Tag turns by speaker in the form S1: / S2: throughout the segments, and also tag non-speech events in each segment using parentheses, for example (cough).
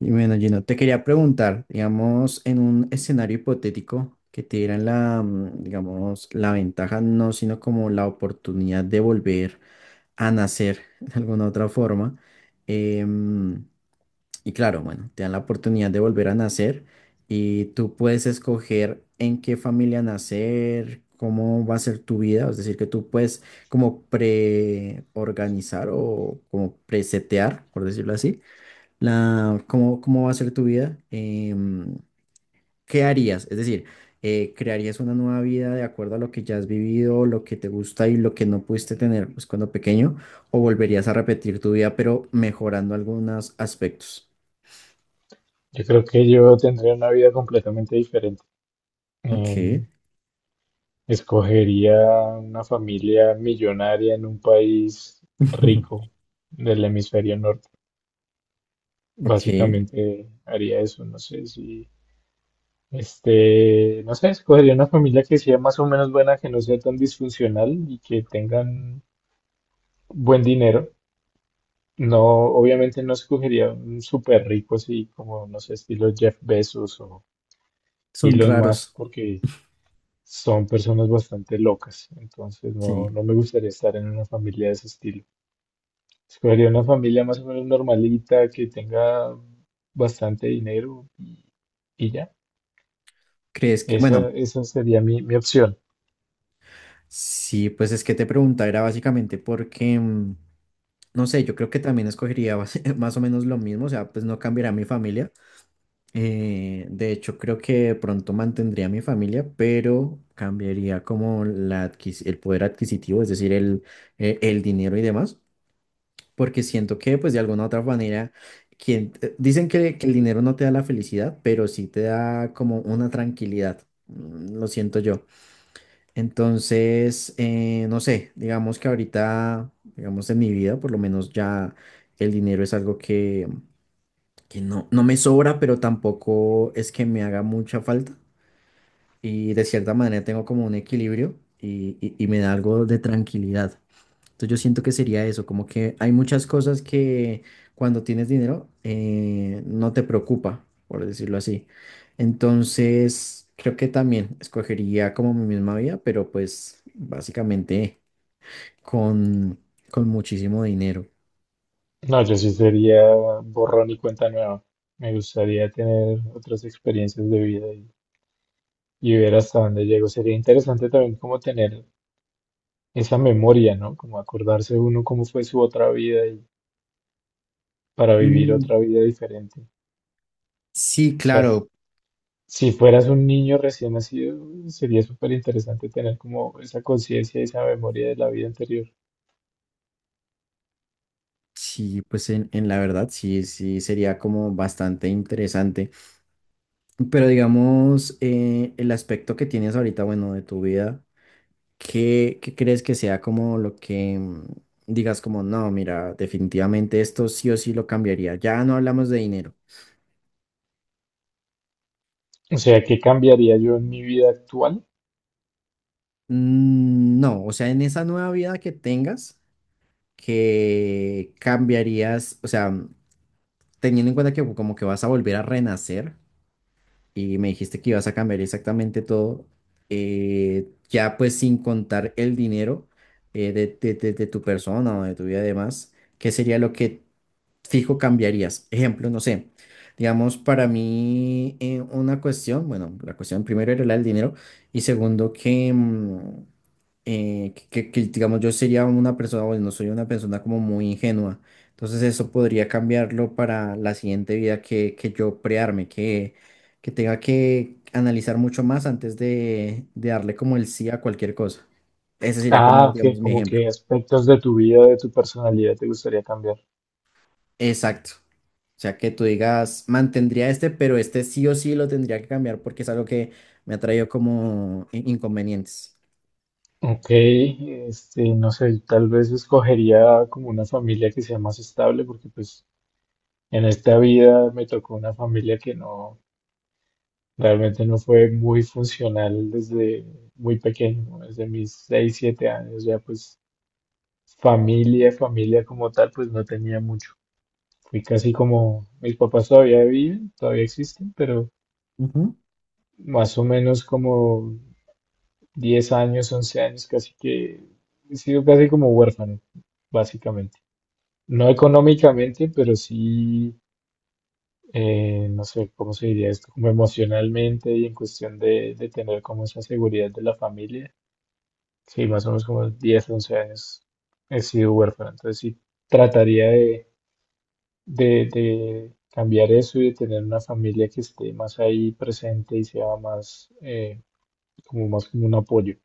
S1: Y bueno, Gino, te quería preguntar, digamos, en un escenario hipotético que te dieran la, digamos, la ventaja, no, sino como la oportunidad de volver a nacer (laughs) de alguna otra forma. em, y claro, bueno, te dan la oportunidad de volver a nacer y tú puedes escoger en qué familia nacer, cómo va a ser tu vida, es decir, que tú puedes como preorganizar o como presetear, por decirlo así la, cómo va a ser tu vida. ¿Qué harías? Es decir, ¿crearías una nueva vida de acuerdo a lo que ya has vivido, lo que te gusta y lo que no pudiste tener pues, cuando pequeño? ¿O volverías a repetir tu vida pero mejorando algunos aspectos?
S2: Yo creo que yo tendría una vida completamente diferente.
S1: Ok.
S2: Em, Escogería una familia millonaria en un país
S1: (laughs)
S2: rico del hemisferio norte.
S1: Ok,
S2: Básicamente haría eso, no sé si, no sé, escogería una familia que sea más o menos buena, que no sea tan disfuncional y que tengan buen dinero. No, obviamente no escogería un súper rico así como, no sé, estilo Jeff Bezos o
S1: son
S2: Elon Musk,
S1: raros,
S2: porque son personas bastante locas, entonces
S1: sí.
S2: no me gustaría estar en una familia de ese estilo. Escogería una familia más o menos normalita, que tenga bastante dinero y ya.
S1: ¿Crees que, bueno,
S2: Esa sería mi opción.
S1: sí, pues es que te preguntaba, era básicamente porque, no sé, yo creo que también escogería (laughs) más o menos lo mismo, o sea, pues no cambiará mi familia. De hecho, creo que de pronto mantendría a mi familia, pero cambiaría como la el poder adquisitivo, es decir, el dinero y demás, porque siento que, pues, de alguna u otra manera, quien, dicen que el dinero no te da la felicidad, pero sí te da como una tranquilidad, lo siento yo. Entonces, no sé, digamos que ahorita, digamos en mi vida, por lo menos ya el dinero es algo que no, no me sobra, pero tampoco es que me haga mucha falta. Y de cierta manera tengo como un equilibrio y, y me da algo de tranquilidad. Entonces yo siento que sería eso, como que hay muchas cosas que cuando tienes dinero no te preocupa, por decirlo así. Entonces creo que también escogería como mi misma vida, pero pues básicamente con, con muchísimo dinero.
S2: No, yo sí sería borrón y cuenta nueva. Me gustaría tener otras experiencias de vida y ver hasta dónde llego. Sería interesante también como tener esa memoria, ¿no? Como acordarse uno cómo fue su otra vida y para vivir
S1: Mm.
S2: otra vida diferente. O
S1: Sí,
S2: sea,
S1: claro.
S2: si fueras un niño recién nacido, sería súper interesante tener como esa conciencia y esa memoria de la vida anterior.
S1: Sí, pues en la verdad sí, sí sería como bastante interesante. Pero digamos, el aspecto que tienes ahorita, bueno, de tu vida, ¿qué, qué crees que sea como lo que digas como, no, mira, definitivamente esto sí o sí lo cambiaría? Ya no hablamos de dinero.
S2: O sea, ¿qué cambiaría yo en mi vida actual?
S1: Mm. No, o sea, en esa nueva vida que tengas, que cambiarías, o sea, teniendo en cuenta que como que vas a volver a renacer. Y me dijiste que ibas a cambiar exactamente todo, ya pues sin contar el dinero, de, de tu persona o de tu vida y demás, ¿qué sería lo que fijo cambiarías? Ejemplo, no sé, digamos, para mí una cuestión, bueno, la cuestión primero era la del dinero y segundo que, que, que, digamos, yo sería una persona, bueno, no soy una persona como muy ingenua, entonces eso podría cambiarlo para la siguiente vida que yo prearme, que tenga que analizar mucho más antes de darle como el sí a cualquier cosa. Ese sería
S2: Ah,
S1: como,
S2: ok,
S1: digamos, mi
S2: como
S1: ejemplo.
S2: que aspectos de tu vida, de tu personalidad te gustaría cambiar.
S1: Exacto. O sea, que tú digas, mantendría este, pero este sí o sí lo tendría que cambiar porque es algo que me ha traído como inconvenientes.
S2: Ok, no sé, tal vez escogería como una familia que sea más estable, porque pues en esta vida me tocó una familia que no, realmente no fue muy funcional desde muy pequeño, ¿no? Desde mis 6 o 7 años, ya pues familia, familia como tal, pues no tenía mucho. Fui casi como, mis papás todavía viven, todavía existen, pero
S1: Ujú.
S2: más o menos como 10 años, 11 años, casi que he sido casi como huérfano, básicamente. No económicamente, pero sí, no sé cómo se diría esto, como emocionalmente y en cuestión de tener como esa seguridad de la familia. Sí, más o menos como 10 u 11 años he sido huérfano, entonces sí trataría de cambiar eso y de tener una familia que esté más ahí presente y sea más, como más como un apoyo.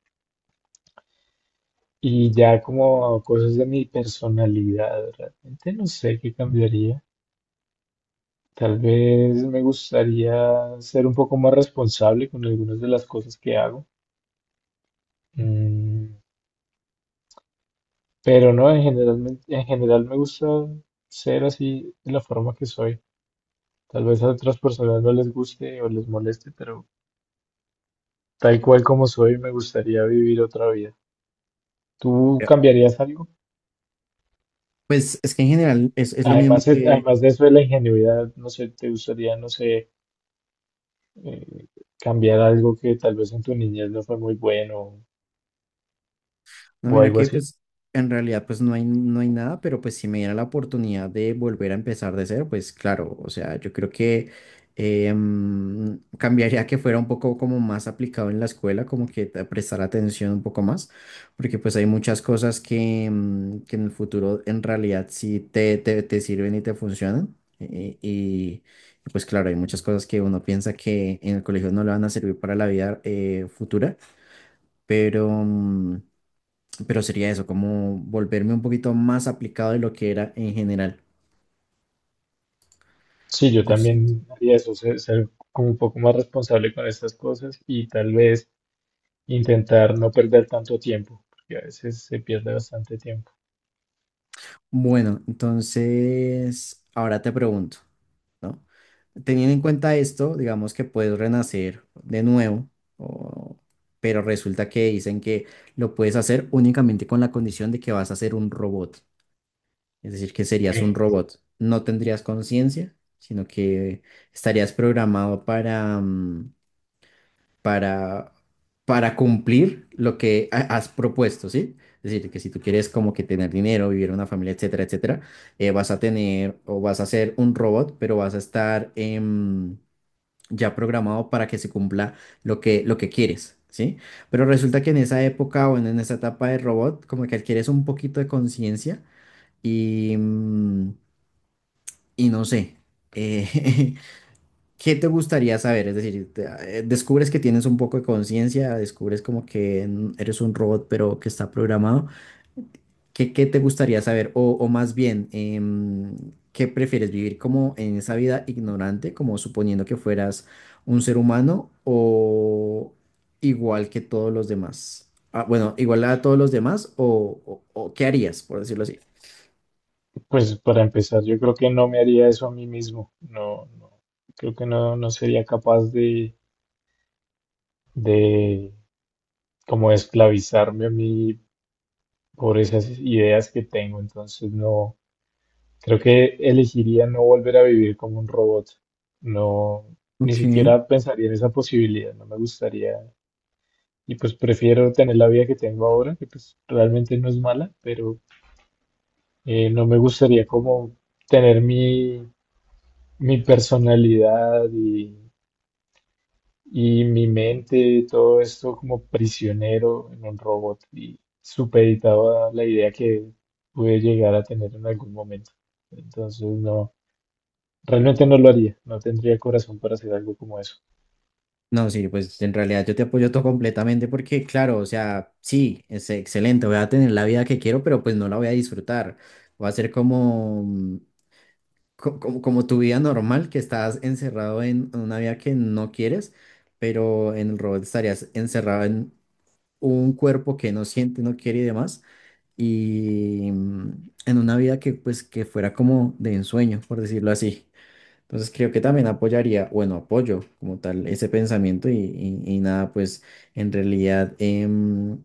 S2: Y ya como cosas de mi personalidad, realmente no sé qué cambiaría. Tal vez me gustaría ser un poco más responsable con algunas de las cosas que hago. Mm, pero no, en general, en general me gusta ser así de la forma que soy. Tal vez a otras personas no les guste o les moleste, pero tal cual como soy, me gustaría vivir otra vida. ¿Tú
S1: Pero,
S2: cambiarías algo?
S1: pues es que en general es lo mismo
S2: Además,
S1: que.
S2: además de eso de la ingenuidad, no sé, ¿te gustaría, no sé, eh, cambiar algo que tal vez en tu niñez no fue muy bueno
S1: No,
S2: o
S1: mira
S2: algo
S1: que
S2: así?
S1: pues en realidad pues no hay, no hay nada, pero pues si me diera la oportunidad de volver a empezar de cero, pues claro, o sea, yo creo que cambiaría que fuera un poco como más aplicado en la escuela, como que prestar atención un poco más, porque pues hay muchas cosas que, que en el futuro en realidad sí te sirven y te funcionan. Y pues claro, hay muchas cosas que uno piensa que en el colegio no le van a servir para la vida futura, pero... pero sería eso, como volverme un poquito más aplicado de lo que era en general.
S2: Sí, yo
S1: Yo siento.
S2: también haría eso, ser como un poco más responsable con estas cosas y tal vez intentar no perder tanto tiempo, porque a veces se pierde bastante tiempo.
S1: Bueno, entonces, ahora te pregunto, ¿no? Teniendo en cuenta esto, digamos que puedes renacer de nuevo, o- pero resulta que dicen que lo puedes hacer únicamente con la condición de que vas a ser un robot, es decir, que serías un
S2: (laughs)
S1: robot. No tendrías conciencia, sino que estarías programado para, para, para cumplir lo que has propuesto, ¿sí? Es decir, que si tú quieres como que tener dinero, vivir en una familia, etcétera, etcétera, vas a tener o vas a ser un robot, pero vas a estar ya programado para que se cumpla lo que quieres, ¿sí? Pero resulta que en esa época o en esa etapa de robot, como que adquieres un poquito de conciencia y, y no sé. eh, (laughs) ¿Qué te gustaría saber? Es decir, descubres que tienes un poco de conciencia, descubres como que eres un robot, pero que está programado. ¿Qué, qué te gustaría saber? O más bien, ¿qué prefieres vivir como en esa vida ignorante, como suponiendo que fueras un ser humano o igual que todos los demás? Ah, bueno, igual a todos los demás o, o ¿qué harías, por decirlo así?
S2: Pues para empezar, yo creo que no me haría eso a mí mismo. No, Creo que no, no sería capaz de como esclavizarme a mí por esas ideas que tengo. Entonces no, creo que elegiría no volver a vivir como un robot. No, ni
S1: Ok.
S2: siquiera pensaría en esa posibilidad, no me gustaría. Y pues prefiero tener la vida que tengo ahora, que pues realmente no es mala, pero no me gustaría como tener mi personalidad y mi mente, todo esto como prisionero en un robot y supeditado a la idea que pude llegar a tener en algún momento. Entonces, no, realmente no lo haría, no tendría corazón para hacer algo como eso.
S1: No, sí, pues en realidad yo te apoyo todo completamente porque, claro, o sea, sí, es excelente, voy a tener la vida que quiero, pero pues no la voy a disfrutar. Va a ser como, como, como tu vida normal, que estás encerrado en una vida que no quieres, pero en el robot estarías encerrado en un cuerpo que no siente, no quiere y demás, y en una vida que pues que fuera como de ensueño, por decirlo así. Entonces creo que también apoyaría, bueno, apoyo como tal ese pensamiento y, y nada, pues en realidad em,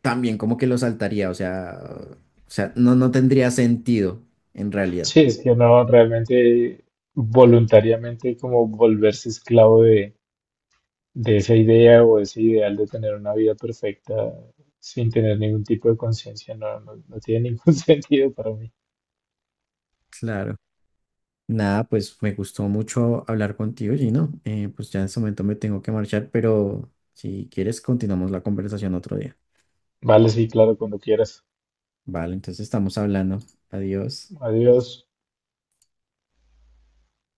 S1: también como que lo saltaría, o sea, no, no tendría sentido en realidad.
S2: Sí, es que no, realmente voluntariamente como volverse esclavo de esa idea o ese ideal de tener una vida perfecta sin tener ningún tipo de conciencia, no, no tiene ningún (laughs) sentido para mí.
S1: Claro. Nada, pues me gustó mucho hablar contigo, Gino. Pues ya en este momento me tengo que marchar, pero si quieres continuamos la conversación otro día.
S2: Vale, sí, claro, cuando quieras.
S1: Vale, entonces estamos hablando. Adiós.
S2: Adiós.